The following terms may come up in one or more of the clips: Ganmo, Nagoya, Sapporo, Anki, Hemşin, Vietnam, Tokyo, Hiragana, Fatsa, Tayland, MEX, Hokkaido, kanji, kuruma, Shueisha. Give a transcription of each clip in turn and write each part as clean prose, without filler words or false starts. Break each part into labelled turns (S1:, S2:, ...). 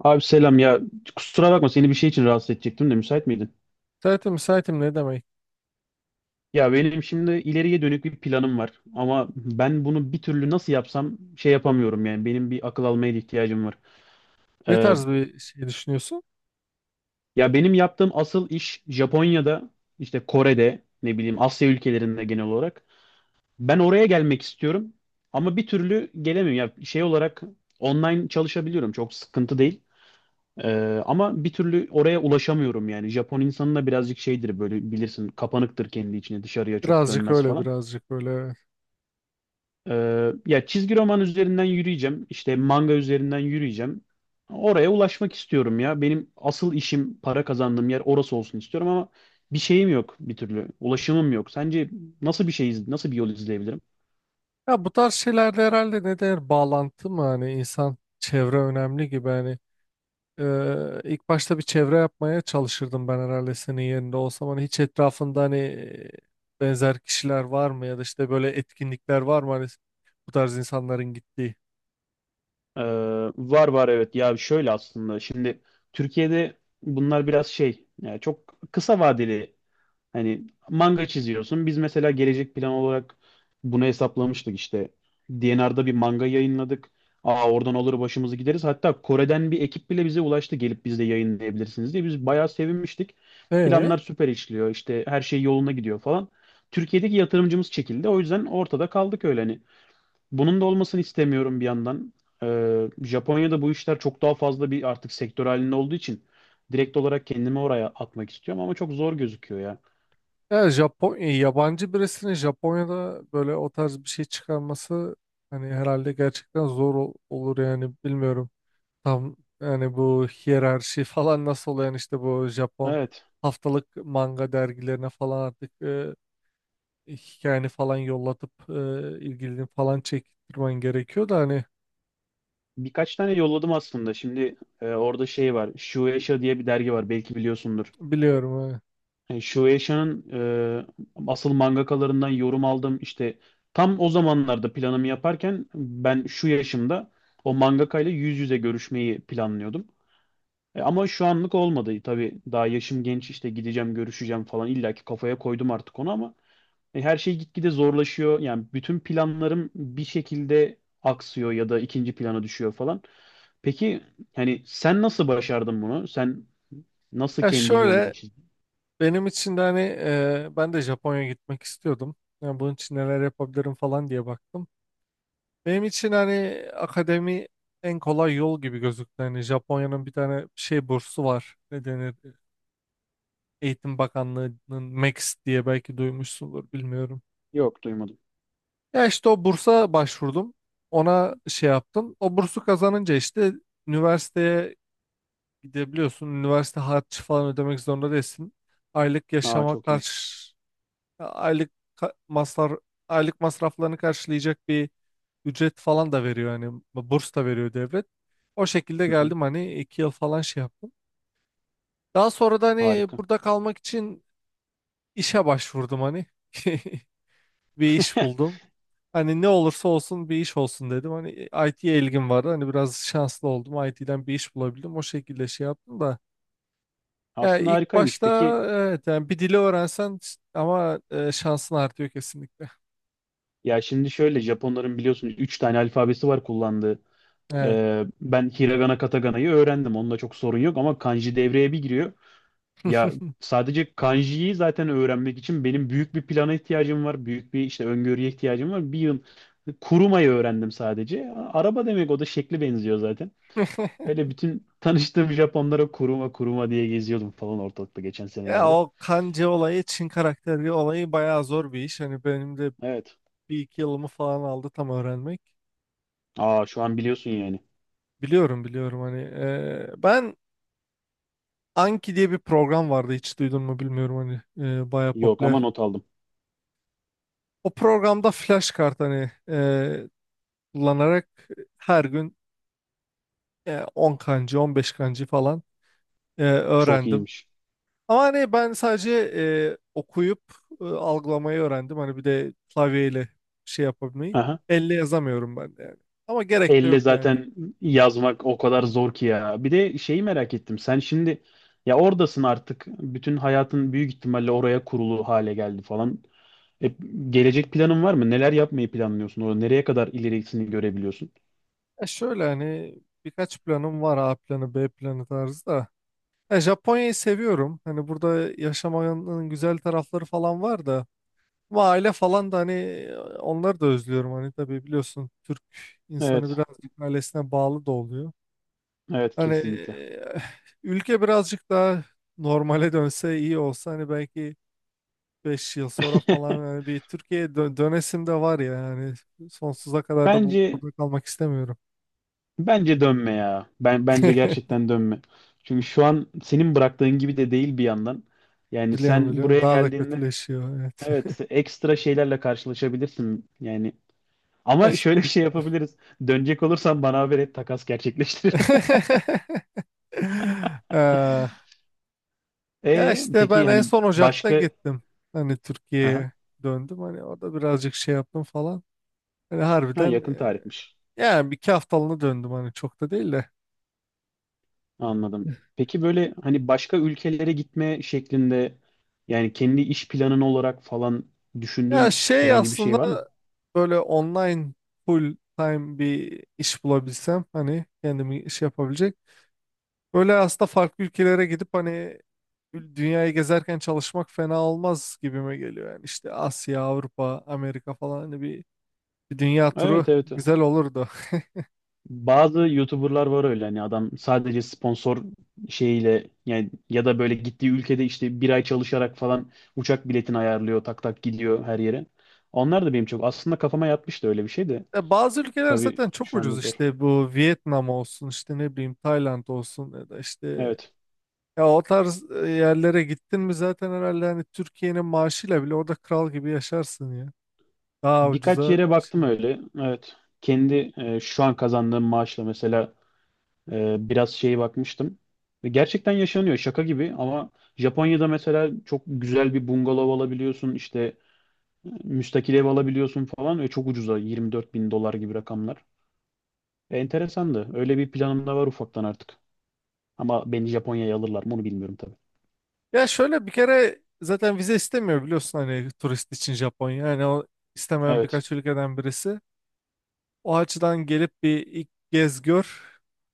S1: Abi selam ya, kusura bakma seni bir şey için rahatsız edecektim de müsait miydin?
S2: Müsaitim müsaitim ne demek?
S1: Ya benim şimdi ileriye dönük bir planım var ama ben bunu bir türlü nasıl yapsam şey yapamıyorum yani benim bir akıl almaya da ihtiyacım var.
S2: Ne
S1: Ee,
S2: tarz bir şey düşünüyorsun?
S1: ya benim yaptığım asıl iş Japonya'da işte Kore'de ne bileyim Asya ülkelerinde genel olarak ben oraya gelmek istiyorum ama bir türlü gelemiyorum ya şey olarak online çalışabiliyorum, çok sıkıntı değil. Ama bir türlü oraya ulaşamıyorum yani. Japon insanı da birazcık şeydir, böyle bilirsin, kapanıktır kendi içine, dışarıya çok
S2: Birazcık
S1: dönmez
S2: öyle
S1: falan.
S2: birazcık öyle. Evet.
S1: Ya çizgi roman üzerinden yürüyeceğim, işte manga üzerinden yürüyeceğim. Oraya ulaşmak istiyorum ya. Benim asıl işim, para kazandığım yer orası olsun istiyorum ama bir şeyim yok bir türlü. Ulaşımım yok. Sence nasıl bir şey nasıl bir yol izleyebilirim?
S2: Ya bu tarz şeylerde herhalde ne der bağlantı mı hani insan çevre önemli gibi hani. İlk başta bir çevre yapmaya çalışırdım ben herhalde senin yerinde olsam hani hiç etrafında hani benzer kişiler var mı ya da işte böyle etkinlikler var mı hani bu tarz insanların gittiği.
S1: Ee, var var, evet. Ya şöyle, aslında şimdi Türkiye'de bunlar biraz şey, yani çok kısa vadeli, hani manga çiziyorsun. Biz mesela gelecek plan olarak bunu hesaplamıştık işte. DNR'da bir manga yayınladık. Aa oradan olur, başımızı gideriz. Hatta Kore'den bir ekip bile bize ulaştı, gelip biz de yayınlayabilirsiniz diye. Biz bayağı sevinmiştik.
S2: E?
S1: Planlar süper işliyor, işte her şey yoluna gidiyor falan. Türkiye'deki yatırımcımız çekildi. O yüzden ortada kaldık öyle hani. Bunun da olmasını istemiyorum bir yandan. Japonya'da bu işler çok daha fazla bir artık sektör halinde olduğu için direkt olarak kendimi oraya atmak istiyorum ama çok zor gözüküyor ya.
S2: Ya Japon yabancı birisinin Japonya'da böyle o tarz bir şey çıkarması hani herhalde gerçekten olur yani bilmiyorum. Tam yani bu hiyerarşi falan nasıl oluyor yani işte bu Japon
S1: Evet.
S2: haftalık manga dergilerine falan artık hikayeni falan yollatıp ilgilini falan çektirmen gerekiyor da hani.
S1: Birkaç tane yolladım aslında. Şimdi orada şey var. Shueisha diye bir dergi var. Belki biliyorsundur.
S2: Biliyorum, hani.
S1: Shueisha'nın asıl mangakalarından yorum aldım. İşte tam o zamanlarda planımı yaparken, ben şu yaşımda o mangakayla yüz yüze görüşmeyi planlıyordum. Ama şu anlık olmadı tabii. Daha yaşım genç, işte gideceğim, görüşeceğim falan. İlla ki kafaya koydum artık onu ama her şey gitgide zorlaşıyor. Yani bütün planlarım bir şekilde aksıyor ya da ikinci plana düşüyor falan. Peki hani sen nasıl başardın bunu? Sen nasıl
S2: Ya
S1: kendi yolunu
S2: şöyle
S1: çizdin?
S2: benim için de hani ben de Japonya'ya gitmek istiyordum. Yani bunun için neler yapabilirim falan diye baktım. Benim için hani akademi en kolay yol gibi gözüktü. Hani Japonya'nın bir tane şey bursu var. Ne denir? Eğitim Bakanlığı'nın MEX diye belki duymuşsundur bilmiyorum.
S1: Yok, duymadım.
S2: Ya işte o bursa başvurdum. Ona şey yaptım. O bursu kazanınca işte üniversiteye gidebiliyorsun. Üniversite harcı falan ödemek zorunda değilsin. Aylık
S1: Aa,
S2: yaşama
S1: çok iyi.
S2: karşı aylık masraf aylık masraflarını karşılayacak bir ücret falan da veriyor hani burs da veriyor devlet. O şekilde
S1: Hı hı,
S2: geldim hani iki yıl falan şey yaptım. Daha sonra da hani
S1: harika.
S2: burada kalmak için işe başvurdum hani bir iş buldum. Hani ne olursa olsun bir iş olsun dedim. Hani IT'ye ilgim vardı. Hani biraz şanslı oldum. IT'den bir iş bulabildim. O şekilde şey yaptım da. Ya
S1: Aslında
S2: ilk
S1: harikaymış.
S2: başta
S1: Peki,
S2: evet yani bir dili öğrensen ama şansın artıyor kesinlikle.
S1: ya şimdi şöyle, Japonların biliyorsunuz 3 tane alfabesi var kullandığı.
S2: Evet.
S1: Ben Hiragana Katagana'yı öğrendim. Onunla çok sorun yok ama kanji devreye bir giriyor. Ya sadece kanjiyi zaten öğrenmek için benim büyük bir plana ihtiyacım var. Büyük bir işte öngörüye ihtiyacım var. Bir yıl kurumayı öğrendim sadece. Araba demek, o da şekli benziyor zaten. Öyle bütün tanıştığım Japonlara kuruma kuruma diye geziyordum falan ortalıkta geçen
S2: Ya
S1: senelerde.
S2: o kanji olayı, Çin karakteri olayı bayağı zor bir iş. Hani benim de
S1: Evet.
S2: bir iki yılımı falan aldı tam öğrenmek.
S1: Aa, şu an biliyorsun yani.
S2: Biliyorum biliyorum hani ben Anki diye bir program vardı hiç duydun mu bilmiyorum hani baya
S1: Yok,
S2: popüler.
S1: ama not aldım.
S2: O programda flash kart hani kullanarak her gün 10 kancı 15 kancı falan
S1: Çok
S2: öğrendim.
S1: iyiymiş.
S2: Ama hani ben sadece okuyup algılamayı öğrendim. Hani bir de klavyeyle şey yapabilmeyi.
S1: Aha.
S2: Elle yazamıyorum ben de yani. Ama gerek de
S1: Elle
S2: yok yani.
S1: zaten yazmak o kadar zor ki ya. Bir de şeyi merak ettim. Sen şimdi ya oradasın artık. Bütün hayatın büyük ihtimalle oraya kurulu hale geldi falan. E, gelecek planın var mı? Neler yapmayı planlıyorsun? Orada nereye kadar ilerisini görebiliyorsun?
S2: Ya şöyle hani birkaç planım var A planı B planı tarzı da. Ya Japonya'yı seviyorum. Hani burada yaşamanın güzel tarafları falan var da. Ama aile falan da hani onları da özlüyorum. Hani tabii biliyorsun Türk insanı
S1: Evet,
S2: birazcık ailesine bağlı da oluyor.
S1: evet
S2: Hani
S1: kesinlikle.
S2: ülke birazcık daha normale dönse iyi olsa hani belki 5 yıl sonra falan yani bir Türkiye'ye dönesim de var ya yani sonsuza kadar da
S1: Bence
S2: burada kalmak istemiyorum.
S1: Bence dönme ya. Ben bence gerçekten dönme. Çünkü şu an senin bıraktığın gibi de değil bir yandan. Yani
S2: Biliyorum
S1: sen
S2: biliyorum.
S1: buraya
S2: Daha da
S1: geldiğinde,
S2: kötüleşiyor. Evet.
S1: evet, ekstra şeylerle karşılaşabilirsin. Yani
S2: Ya
S1: ama
S2: işte.
S1: şöyle bir şey yapabiliriz. Dönecek olursan bana haber et, takas gerçekleştiririm.
S2: Ee, Ya
S1: E
S2: işte ben
S1: peki
S2: en
S1: hani
S2: son Ocak'ta
S1: başka,
S2: gittim. Hani
S1: aha.
S2: Türkiye'ye döndüm. Hani orada birazcık şey yaptım falan. Hani
S1: Ha,
S2: harbiden
S1: yakın tarihmiş.
S2: yani bir iki haftalığına döndüm hani çok da değil de.
S1: Anladım. Peki böyle hani başka ülkelere gitme şeklinde, yani kendi iş planın olarak falan
S2: Ya
S1: düşündüğün
S2: şey
S1: herhangi bir şey
S2: aslında
S1: var mı?
S2: böyle online full time bir iş bulabilsem hani kendimi iş yapabilecek. Böyle aslında farklı ülkelere gidip hani dünyayı gezerken çalışmak fena olmaz gibime geliyor. Yani işte Asya, Avrupa, Amerika falan hani bir dünya turu
S1: Evet evet.
S2: güzel olurdu.
S1: Bazı YouTuber'lar var öyle, hani adam sadece sponsor şeyiyle, yani ya da böyle gittiği ülkede işte bir ay çalışarak falan uçak biletini ayarlıyor, tak tak gidiyor her yere. Onlar da benim çok aslında kafama yatmıştı, öyle bir şey de
S2: Ya bazı ülkeler
S1: tabii
S2: zaten çok
S1: şu anda
S2: ucuz
S1: zor.
S2: işte bu Vietnam olsun işte ne bileyim Tayland olsun ya da işte
S1: Evet.
S2: ya o tarz yerlere gittin mi zaten herhalde hani Türkiye'nin maaşıyla bile orada kral gibi yaşarsın ya. Daha
S1: Birkaç
S2: ucuza
S1: yere
S2: şey.
S1: baktım öyle. Evet. Kendi şu an kazandığım maaşla mesela biraz şeye bakmıştım. Ve gerçekten yaşanıyor, şaka gibi ama Japonya'da mesela çok güzel bir bungalov alabiliyorsun, işte müstakil ev alabiliyorsun falan, ve çok ucuza, 24 bin dolar gibi rakamlar. Enteresandı. Öyle bir planım da var ufaktan artık. Ama beni Japonya'ya alırlar mı onu bilmiyorum tabii.
S2: Ya şöyle bir kere zaten vize istemiyor biliyorsun hani turist için Japonya. Yani o istemeyen
S1: Evet.
S2: birkaç ülkeden birisi. O açıdan gelip bir ilk gez gör.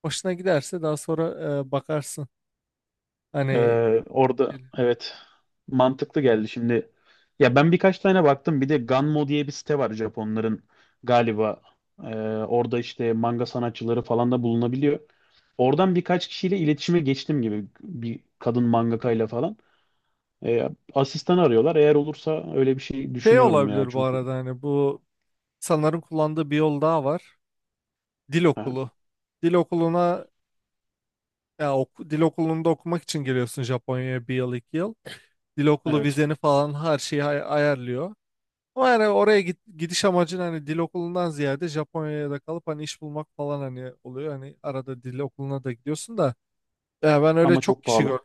S2: Hoşuna giderse daha sonra bakarsın. Hani
S1: E, orada evet, mantıklı geldi şimdi. Ya ben birkaç tane baktım. Bir de Ganmo diye bir site var Japonların galiba. Orada işte manga sanatçıları falan da bulunabiliyor. Oradan birkaç kişiyle iletişime geçtim gibi, bir kadın mangakayla falan. E, asistan arıyorlar. Eğer olursa öyle bir şey
S2: şey
S1: düşünüyorum ya
S2: olabilir bu
S1: çünkü.
S2: arada hani bu sanırım kullandığı bir yol daha var. Dil
S1: Aha,
S2: okulu. Dil okuluna ya dil okulunda okumak için geliyorsun Japonya'ya bir yıl iki yıl. Dil okulu
S1: evet.
S2: vizeni falan her şeyi ayarlıyor. Ama yani oraya gidiş amacın hani dil okulundan ziyade Japonya'da kalıp hani iş bulmak falan hani oluyor. Hani arada dil okuluna da gidiyorsun da. Ya ben öyle
S1: Ama
S2: çok
S1: çok
S2: kişi
S1: pahalı.
S2: gördüm.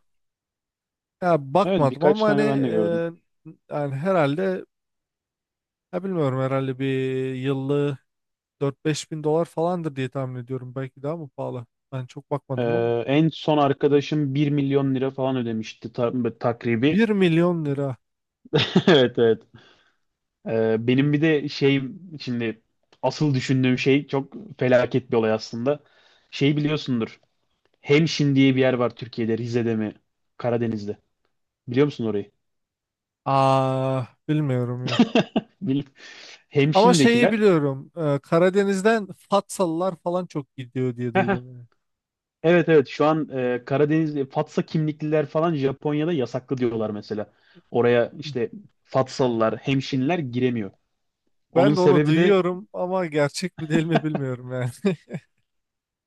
S2: Ya
S1: Evet,
S2: bakmadım
S1: birkaç
S2: ama hani
S1: tane ben de gördüm.
S2: yani herhalde ya bilmiyorum herhalde bir yıllığı dört beş bin dolar falandır diye tahmin ediyorum. Belki daha mı pahalı? Ben çok
S1: E,
S2: bakmadım ama.
S1: en son arkadaşım 1 milyon lira falan ödemişti takribi.
S2: Bir milyon lira.
S1: Evet evet. Benim bir de şey, şimdi asıl düşündüğüm şey çok felaket bir olay aslında. Şey, biliyorsundur. Hemşin diye bir yer var Türkiye'de, Rize'de mi? Karadeniz'de. Biliyor musun orayı?
S2: Aa bilmiyorum yok.
S1: Bil-
S2: Ama şeyi
S1: Hemşin'dekiler.
S2: biliyorum. Karadeniz'den Fatsalılar falan çok gidiyor diye duydum yani.
S1: Evet evet, şu an Karadeniz Fatsa kimlikliler falan Japonya'da yasaklı diyorlar mesela. Oraya işte Fatsalılar, hemşinler giremiyor. Onun
S2: Ben de onu
S1: sebebi de
S2: duyuyorum ama gerçek mi değil mi bilmiyorum yani.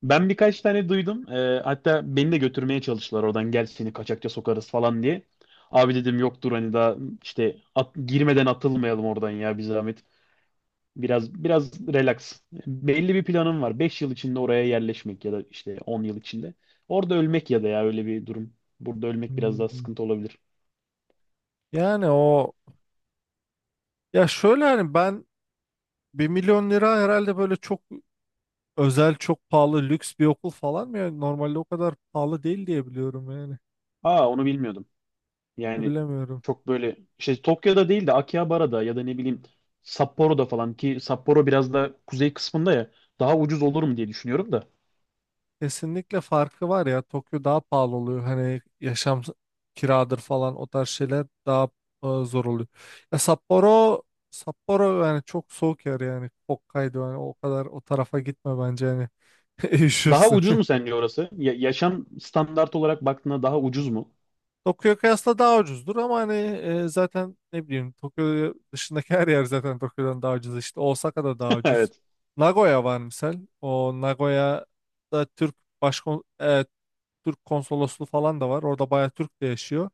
S1: ben birkaç tane duydum. Hatta beni de götürmeye çalıştılar oradan, gel seni kaçakça sokarız falan diye. Abi dedim yoktur hani, daha işte girmeden atılmayalım oradan ya, bir zahmet. Biraz biraz relax. Belli bir planım var. 5 yıl içinde oraya yerleşmek ya da işte 10 yıl içinde. Orada ölmek ya da, ya öyle bir durum. Burada ölmek biraz daha
S2: Hmm.
S1: sıkıntı olabilir.
S2: Yani o ya şöyle hani ben bir milyon lira herhalde böyle çok özel çok pahalı lüks bir okul falan mı yani normalde o kadar pahalı değil diye biliyorum yani.
S1: Aa, onu bilmiyordum.
S2: Ya
S1: Yani
S2: bilemiyorum
S1: çok böyle şey Tokyo'da değil de Akihabara'da ya da ne bileyim Sapporo'da falan, ki Sapporo biraz da kuzey kısmında ya, daha ucuz olurum diye düşünüyorum da.
S2: kesinlikle farkı var ya Tokyo daha pahalı oluyor hani kiradır falan o tarz şeyler daha zor oluyor ya Sapporo Sapporo yani çok soğuk yer yani Hokkaido yani o kadar o tarafa gitme bence yani
S1: Daha
S2: üşürsün.
S1: ucuz mu sence orası? Yaşam standart olarak baktığında daha ucuz mu?
S2: Tokyo'ya kıyasla daha ucuzdur ama hani zaten ne bileyim Tokyo dışındaki her yer zaten Tokyo'dan daha ucuz işte Osaka'da daha ucuz.
S1: Evet.
S2: Nagoya var misal. O Nagoya'da Türk başkon e, Türk konsolosluğu falan da var. Orada bayağı Türk de yaşıyor.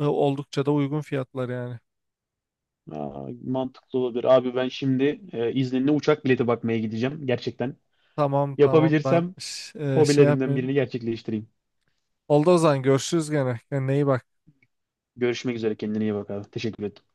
S2: Oldukça da uygun fiyatlar yani.
S1: Aa, mantıklı olabilir. Abi ben şimdi İzninle uçak bileti bakmaya gideceğim gerçekten.
S2: Tamam tamam ben
S1: Yapabilirsem
S2: şey
S1: hobilerimden
S2: yapmayayım.
S1: birini gerçekleştireyim.
S2: Oldu o zaman görüşürüz gene. Kendine iyi bak.
S1: Görüşmek üzere, kendine iyi bak abi. Teşekkür ederim.